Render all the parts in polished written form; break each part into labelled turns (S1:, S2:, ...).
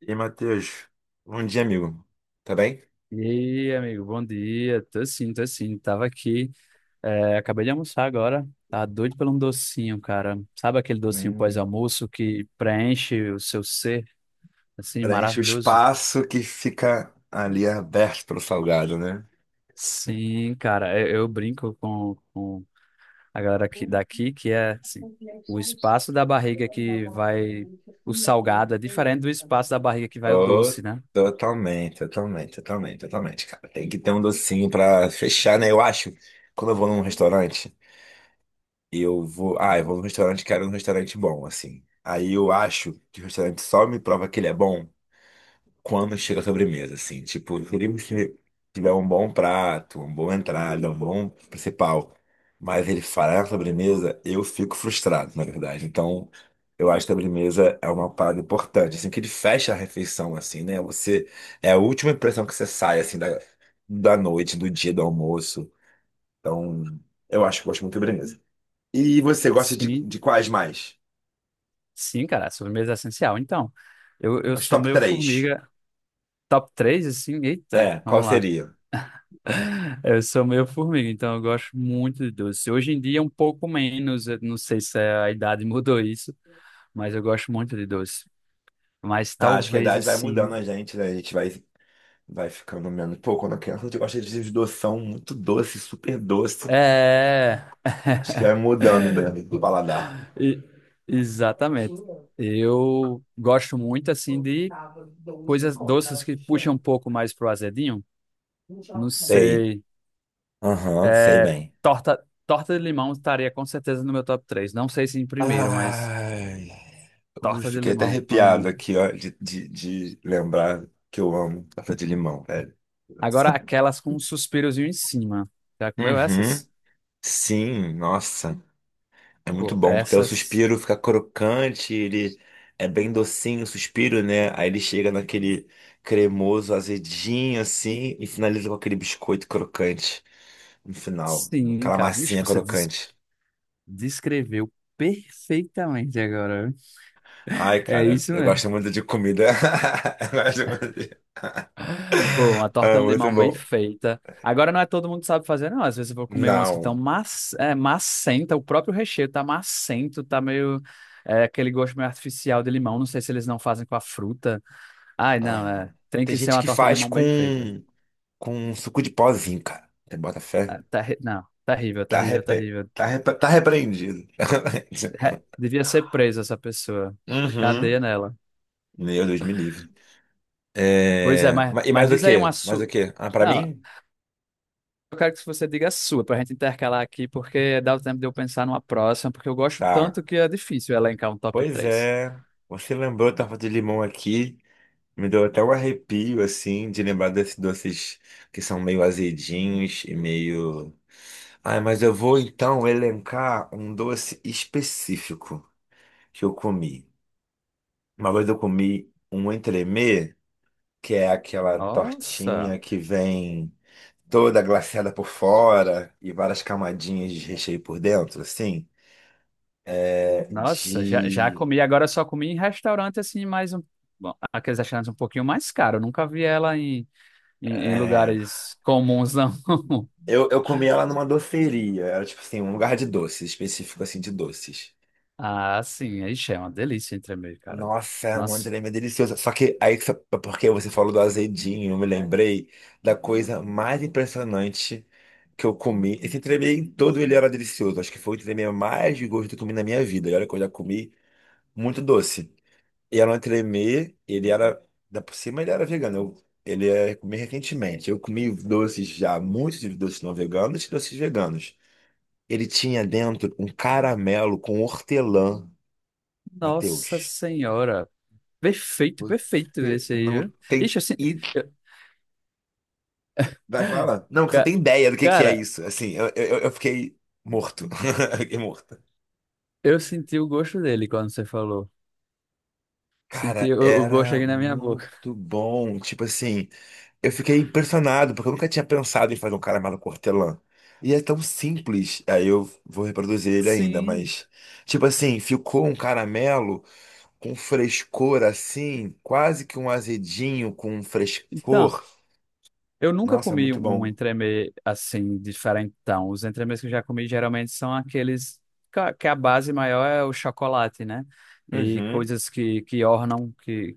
S1: E Matheus, bom dia, amigo. Tá bem?
S2: E aí, amigo, bom dia. Tô sim, tô sim. Tava aqui, é, acabei de almoçar agora. Tá doido por um docinho, cara. Sabe aquele docinho
S1: Hum.
S2: pós-almoço que preenche o seu ser, assim,
S1: Preenche o
S2: maravilhoso?
S1: espaço que fica ali aberto pro salgado, né?
S2: Sim, cara, eu brinco com a galera aqui, daqui, que é, assim, o espaço da barriga que vai o salgado é diferente do espaço da barriga que vai o
S1: Tô-
S2: doce, né?
S1: Totalmente, totalmente, totalmente, totalmente, cara. Tem que ter um docinho pra fechar, né? Eu acho, quando eu vou num restaurante, eu vou. Ah, eu vou num restaurante, quero um restaurante bom, assim. Aí eu acho que o restaurante só me prova que ele é bom quando chega a sobremesa, assim. Tipo, se ele tiver um bom prato, uma boa entrada, um bom principal, mas ele falhar na sobremesa, eu fico frustrado, na verdade. Então, eu acho que a sobremesa é uma parada importante, assim, que ele fecha a refeição, assim, né? É a última impressão que você sai, assim, da noite, do dia do almoço. Então, eu acho que eu gosto muito de sobremesa. E você gosta de,
S2: Sim,
S1: de quais mais?
S2: sim, cara, sobremesa é essencial. Então, eu
S1: Os
S2: sou
S1: top
S2: meio
S1: três.
S2: formiga. Top 3 assim, eita,
S1: É, qual
S2: vamos lá.
S1: seria?
S2: É, eu sou meio formiga, então eu gosto muito de doce. Hoje em dia é um pouco menos, eu não sei se é, a idade mudou isso, mas eu gosto muito de doce. Mas
S1: Ah, acho que a
S2: talvez
S1: idade vai
S2: assim.
S1: mudando a gente, né? A gente vai ficando menos. Pô, quando a criança eu gosta de doção muito doce, super doce.
S2: É.
S1: Acho que vai mudando mesmo do paladar.
S2: E- Exatamente. Eu gosto muito, assim, de coisas doces que puxam um pouco mais pro azedinho. Não
S1: Sei.
S2: sei.
S1: Aham, sei
S2: É,
S1: bem.
S2: torta, torta de limão estaria com certeza no meu top três. Não sei se em primeiro, mas
S1: Ai. Ui,
S2: torta de
S1: fiquei até
S2: limão,
S1: arrepiado
S2: amo.
S1: aqui, ó, de lembrar que eu amo torta de limão, velho.
S2: Agora aquelas com um suspirozinho em cima. Já comeu
S1: Uhum.
S2: essas?
S1: Sim, nossa. É muito
S2: Pô,
S1: bom, porque o
S2: essas.
S1: suspiro fica crocante, ele é bem docinho, o suspiro, né? Aí ele chega naquele cremoso, azedinho, assim, e finaliza com aquele biscoito crocante no final.
S2: Sim,
S1: Aquela
S2: cara. Ixi,
S1: massinha
S2: você des-
S1: crocante.
S2: descreveu perfeitamente agora, viu?
S1: Ai,
S2: É
S1: cara,
S2: isso
S1: eu
S2: mesmo.
S1: gosto muito de comida. Eu gosto muito de.
S2: Pô, uma
S1: Ah,
S2: torta de
S1: muito
S2: limão bem
S1: bom.
S2: feita. Agora não é todo mundo que sabe fazer, não. Às vezes eu vou comer umas que estão
S1: Não.
S2: mac... É, macenta, o próprio recheio tá macento, tá meio. É, aquele gosto meio artificial de limão. Não sei se eles não fazem com a fruta. Ai, não, é.
S1: Aham.
S2: Tem
S1: Tem
S2: que ser
S1: gente
S2: uma
S1: que
S2: torta de
S1: faz
S2: limão
S1: com,
S2: bem feita.
S1: com suco de pozinho, cara. Você bota fé?
S2: É, não, terrível, terrível, terrível.
S1: Tá repreendido.
S2: Devia ser presa essa pessoa.
S1: Uhum.
S2: Cadeia nela.
S1: Meu Deus, me livre.
S2: Pois é,
S1: É,
S2: mas,
S1: e
S2: mas
S1: mais o
S2: diz aí
S1: quê?
S2: uma
S1: Mais o
S2: sua.
S1: quê? Ah, pra
S2: Não,
S1: mim?
S2: eu quero que você diga a sua, pra gente intercalar aqui, porque dá o tempo de eu pensar numa próxima, porque eu gosto
S1: Tá.
S2: tanto que é difícil elencar um top
S1: Pois
S2: três.
S1: é. Você lembrou, eu tava de limão aqui. Me deu até um arrepio, assim, de lembrar desses doces que são meio azedinhos e meio. Ah, mas eu vou então elencar um doce específico que eu comi. Uma vez eu comi um entremê, que é aquela
S2: Nossa,
S1: tortinha que vem toda glaciada por fora e várias camadinhas de recheio por dentro, assim.
S2: nossa, já, já
S1: De.
S2: comi. Agora eu só comi em restaurante, assim, mais um. Bom, aqueles restaurantes um pouquinho mais caros. Eu nunca vi ela em
S1: É,
S2: lugares comuns, não.
S1: eu comi ela numa doceria. Era tipo assim, um lugar de doces, específico assim de doces.
S2: Ah, sim, ixi, é uma delícia entremeio, cara.
S1: Nossa, é uma
S2: Nossa,
S1: tremenda deliciosa. Só que aí, é porque você falou do azedinho, eu me lembrei da coisa mais impressionante que eu comi. Esse entremeio em todo ele era delicioso. Acho que foi o entremeio mais de gosto que eu comi na minha vida. E olha que eu já comi muito doce. E era um entremê, ele era. Da por cima ele era vegano. Ele é, comi recentemente. Eu comi doces já, muitos de doces não veganos e doces veganos. Ele tinha dentro um caramelo com hortelã,
S2: nossa
S1: Matheus.
S2: senhora. Perfeito, perfeito
S1: Você
S2: esse aí,
S1: não
S2: viu?
S1: tem.
S2: Ixi, eu senti...
S1: E vai falar? Não, você não
S2: Ca-
S1: tem ideia do que é
S2: Cara,
S1: isso. Assim, eu fiquei morto. Eu fiquei morto.
S2: eu senti o gosto dele quando você falou. Senti
S1: Cara,
S2: o gosto
S1: era
S2: aqui na minha boca.
S1: muito bom. Tipo assim. Eu fiquei impressionado, porque eu nunca tinha pensado em fazer um caramelo com hortelã. E é tão simples. Aí eu vou reproduzir ele ainda,
S2: Sim.
S1: mas. Tipo assim, ficou um caramelo com frescor assim, quase que um azedinho com um
S2: Então,
S1: frescor.
S2: eu nunca
S1: Nossa, é
S2: comi
S1: muito
S2: um
S1: bom.
S2: entremê assim, diferentão. Os entremês que eu já comi geralmente são aqueles que a base maior é o chocolate, né? E
S1: Uhum.
S2: coisas que ornam, que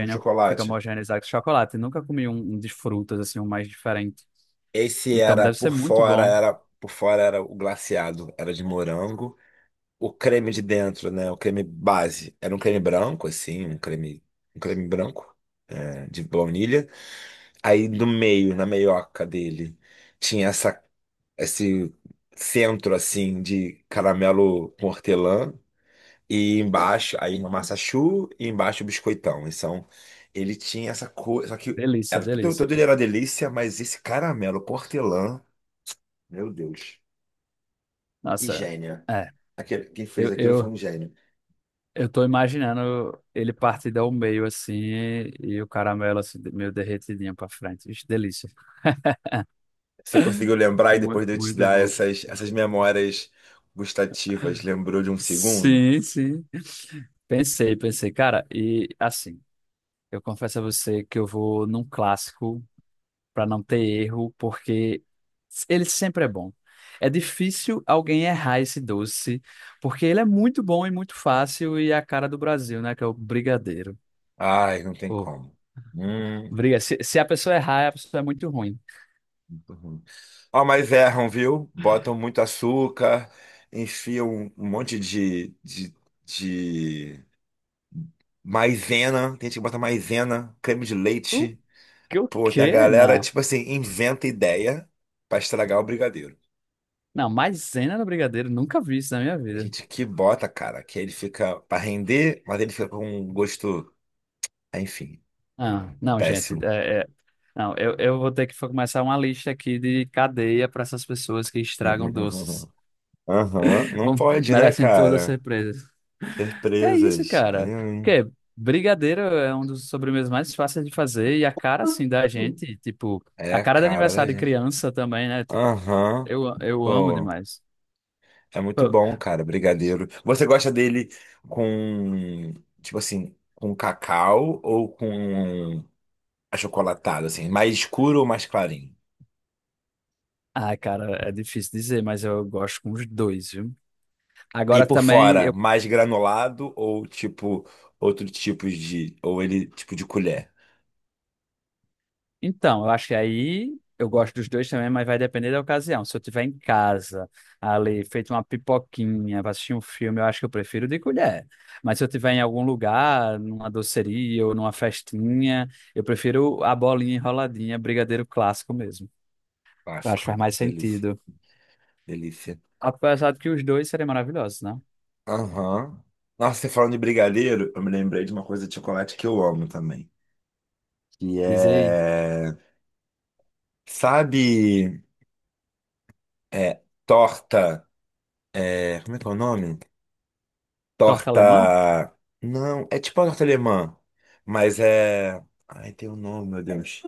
S1: Com
S2: fica
S1: chocolate.
S2: homogeneizado com chocolate. Nunca comi um de frutas, assim, um mais diferente.
S1: Esse
S2: Então, deve ser muito bom.
S1: era por fora era o glaciado, era de morango. O creme de dentro, né? O creme base. Era um creme branco, assim, um creme branco, é, de baunilha. Aí no meio, na meioca dele, tinha esse centro assim de caramelo com hortelã e embaixo, aí uma massa choux e embaixo o biscoitão. Então, ele tinha essa coisa, só que
S2: Delícia,
S1: era, tudo
S2: delícia.
S1: tudo ele era delícia, mas esse caramelo com hortelã, meu Deus, que
S2: Nossa,
S1: gênio.
S2: é.
S1: Aquele, quem fez
S2: Eu,
S1: aquilo foi
S2: eu,
S1: um gênio.
S2: eu tô imaginando ele partida ao meio assim e o caramelo assim, meio derretidinho pra frente. Ixi, delícia.
S1: Você conseguiu lembrar e depois
S2: Muito,
S1: de eu te
S2: muito
S1: dar
S2: bom.
S1: essas memórias gustativas, lembrou de um segundo?
S2: Sim, sim. Pensei, pensei. Cara, e assim, eu confesso a você que eu vou num clássico pra não ter erro, porque ele sempre é bom. É difícil alguém errar esse doce, porque ele é muito bom e muito fácil e é a cara do Brasil, né? Que é o brigadeiro.
S1: Ai, não tem como. Hum.
S2: Briga. Se a pessoa errar, a pessoa é muito ruim.
S1: Muito ruim. Ó, mas erram, viu? Botam muito açúcar, enfiam um monte de maisena. Tem gente que bota maisena, creme de
S2: O
S1: leite.
S2: que? O
S1: Pô, tem a
S2: quê?
S1: galera,
S2: Não.
S1: tipo assim, inventa ideia pra estragar o brigadeiro.
S2: Não, maisena no brigadeiro, nunca vi isso na minha
S1: Tem
S2: vida.
S1: gente que bota, cara, que ele fica pra render, mas ele fica com um gosto, enfim,
S2: Ah, não, gente.
S1: péssimo.
S2: Não, eu vou ter que começar uma lista aqui de cadeia para essas pessoas que estragam doces.
S1: Aham, não
S2: Vão,
S1: pode, né,
S2: merecem todas as
S1: cara?
S2: surpresas. Que é isso,
S1: Surpresas. É,
S2: cara?
S1: hein?
S2: Que brigadeiro é um dos sobremesas mais fáceis de fazer e a cara, assim, da gente, tipo,
S1: É
S2: a
S1: a
S2: cara de
S1: cara da
S2: aniversário de
S1: gente.
S2: criança também, né? Tipo,
S1: Aham.
S2: eu amo
S1: Pô,
S2: demais.
S1: é muito bom, cara, brigadeiro. Você gosta dele com, tipo assim, com cacau ou com achocolatado, assim, mais escuro ou mais clarinho?
S2: Ai, cara, é difícil dizer, mas eu gosto com os dois, viu?
S1: E
S2: Agora
S1: por
S2: também,
S1: fora,
S2: eu...
S1: mais granulado ou tipo outro tipo de, ou ele tipo de colher?
S2: Então, eu acho que aí eu gosto dos dois também, mas vai depender da ocasião. Se eu estiver em casa, ali, feito uma pipoquinha pra assistir um filme, eu acho que eu prefiro de colher. Mas se eu estiver em algum lugar, numa doceria ou numa festinha, eu prefiro a bolinha enroladinha, brigadeiro clássico mesmo. Eu acho que
S1: Clássico,
S2: faz mais
S1: delícia,
S2: sentido.
S1: delícia.
S2: Apesar de que os dois seriam maravilhosos, né?
S1: Aham. Nossa, você falando de brigadeiro, eu me lembrei de uma coisa de chocolate que eu amo também, que
S2: Diz aí,
S1: é, sabe, é torta. É, como é que é o nome?
S2: torta alemã?
S1: Torta. Não, é tipo uma torta alemã, mas é. Ai, tem um nome, meu Deus.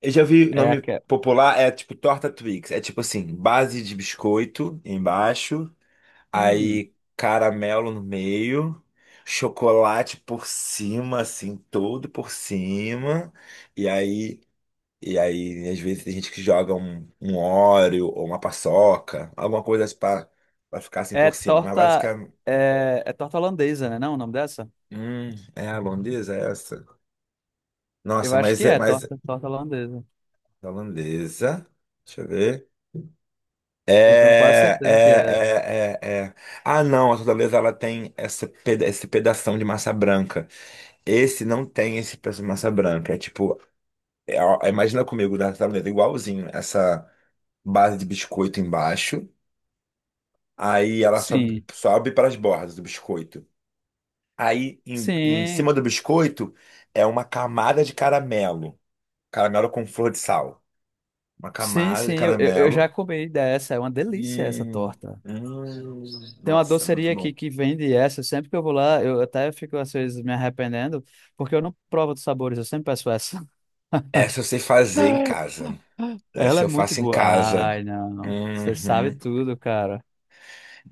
S1: Eu já vi o
S2: É
S1: nome
S2: aquela.
S1: popular, é tipo torta Twix. É tipo assim, base de biscoito embaixo,
S2: Hum.
S1: aí caramelo no meio, chocolate por cima, assim, todo por cima, e aí. E aí, às vezes, tem gente que joga um Oreo ou uma paçoca, alguma coisa assim pra ficar assim
S2: É
S1: por cima. Mas
S2: torta.
S1: basicamente.
S2: É torta holandesa, né? Não, o nome dessa?
S1: Hum, é a holandesa é essa?
S2: Eu
S1: Nossa,
S2: acho
S1: mas
S2: que
S1: é,
S2: é
S1: mas
S2: torta, torta holandesa.
S1: a holandesa, deixa eu ver.
S2: Eu tenho quase
S1: É,
S2: certeza que é.
S1: é, é, é, é. Ah, não, a holandesa ela tem essa peda esse pedação de massa branca. Esse não tem esse pedaço de massa branca. É tipo, é, ó, imagina comigo da holandesa igualzinho, essa base de biscoito embaixo, aí ela sobe,
S2: Sim.
S1: sobe para as bordas do biscoito. Aí em
S2: Sim,
S1: cima do biscoito é uma camada de caramelo, caramelo com flor de sal. Uma
S2: sim,
S1: camada de
S2: sim. Eu já
S1: caramelo.
S2: comi dessa. É uma delícia essa
S1: Hum,
S2: torta.
S1: hum.
S2: Tem uma
S1: Nossa,
S2: doceria
S1: muito bom.
S2: aqui que vende essa. Sempre que eu vou lá, eu até fico às vezes me arrependendo, porque eu não provo dos sabores, eu sempre peço essa.
S1: Essa eu sei fazer em casa.
S2: Ela
S1: Essa
S2: é
S1: eu
S2: muito
S1: faço em
S2: boa.
S1: casa.
S2: Ai, não. Você sabe
S1: Uhum.
S2: tudo, cara.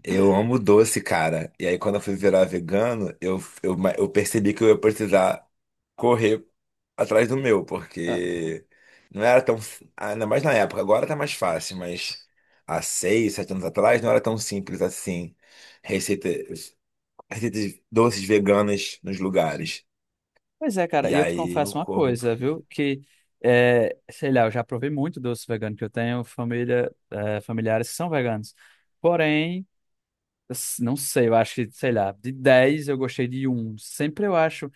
S1: Eu amo doce, cara. E aí, quando eu fui virar vegano, eu percebi que eu ia precisar correr atrás do meu, porque não era tão. Ainda mais na época, agora tá mais fácil, mas há 6, 7 anos atrás não era tão simples assim. Receita, Receitas doces veganas nos lugares.
S2: Pois é, cara,
S1: E
S2: e eu te
S1: aí eu
S2: confesso uma
S1: corro.
S2: coisa, viu? Que, é, sei lá, eu já provei muito doce vegano, que eu tenho família, é, familiares que são veganos. Porém, não sei, eu acho que, sei lá, de 10 eu gostei de um. Sempre eu acho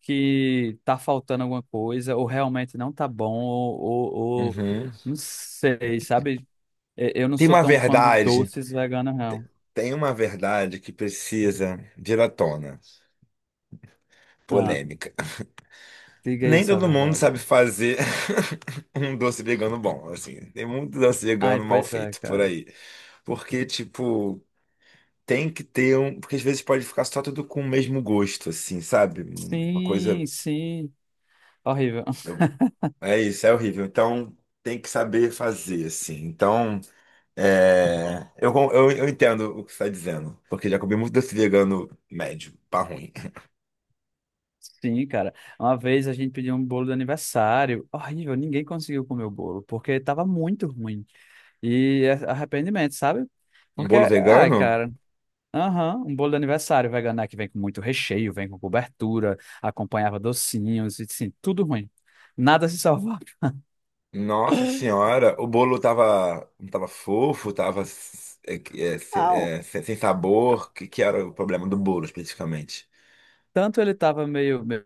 S2: que tá faltando alguma coisa, ou realmente não tá bom, ou, ou-
S1: Uhum.
S2: não sei, sabe? Eu não
S1: Tem
S2: sou
S1: uma
S2: tão fã de
S1: verdade,
S2: doces veganos, não.
S1: tem uma verdade que precisa vir à tona.
S2: Ah,
S1: Polêmica.
S2: diga
S1: Nem
S2: isso a
S1: todo mundo
S2: verdade.
S1: sabe fazer um doce vegano bom, assim. Tem muito doce
S2: Ai,
S1: vegano mal
S2: pois é,
S1: feito por
S2: cara.
S1: aí. Porque, tipo, tem que ter um. Porque às vezes pode ficar só tudo com o mesmo gosto, assim, sabe? Uma coisa.
S2: Sim, sim. Horrível.
S1: eu- É isso, é horrível. Então, tem que saber fazer, assim. Então. É, eu entendo o que você está dizendo, porque já comi muito desse vegano médio, pá ruim.
S2: Sim, cara. Uma vez a gente pediu um bolo de aniversário. Horrível, ninguém conseguiu comer o bolo, porque tava muito ruim. E é arrependimento, sabe?
S1: Um
S2: Porque,
S1: bolo
S2: ai,
S1: vegano?
S2: cara, aham, um bolo de aniversário vegano é que vem com muito recheio, vem com cobertura, acompanhava docinhos, e assim, tudo ruim. Nada se salvava.
S1: Nossa senhora, o bolo tava fofo, tava
S2: Não,
S1: sem sabor. O que era o problema do bolo especificamente?
S2: tanto ele tava meio, meio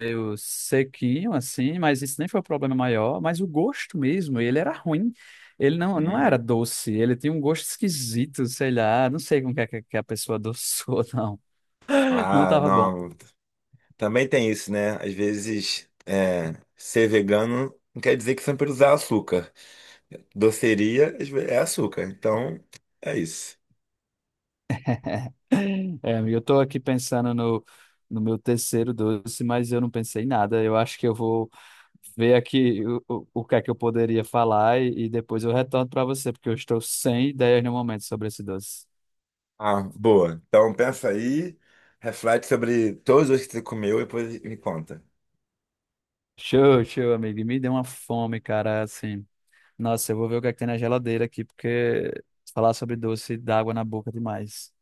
S2: meio sequinho, assim, mas isso nem foi o problema maior, mas o gosto mesmo, ele era ruim. Ele não, não era
S1: Hum.
S2: doce, ele tinha um gosto esquisito, sei lá, não sei como que, é que a pessoa adoçou, não. Não
S1: Ah,
S2: tava bom.
S1: não. Também tem isso, né? Às vezes, é, ser vegano não quer dizer que sempre usar açúcar. Doceria é açúcar, então é isso.
S2: É, amigo, eu tô aqui pensando no meu terceiro doce, mas eu não pensei em nada. Eu acho que eu vou ver aqui o que é que eu poderia falar e depois eu retorno para você, porque eu estou sem ideias no momento sobre esse doce.
S1: Ah, boa. Então pensa aí, reflete sobre todos os que você comeu e depois me conta.
S2: Show, show, amigo. E me deu uma fome, cara, assim. Nossa, eu vou ver o que é que tem na geladeira aqui, porque falar sobre doce dá água na boca demais.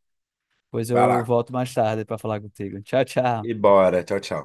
S2: Pois
S1: Vai
S2: eu
S1: lá.
S2: volto mais tarde para falar contigo. Tchau, tchau.
S1: E bora. Tchau, tchau.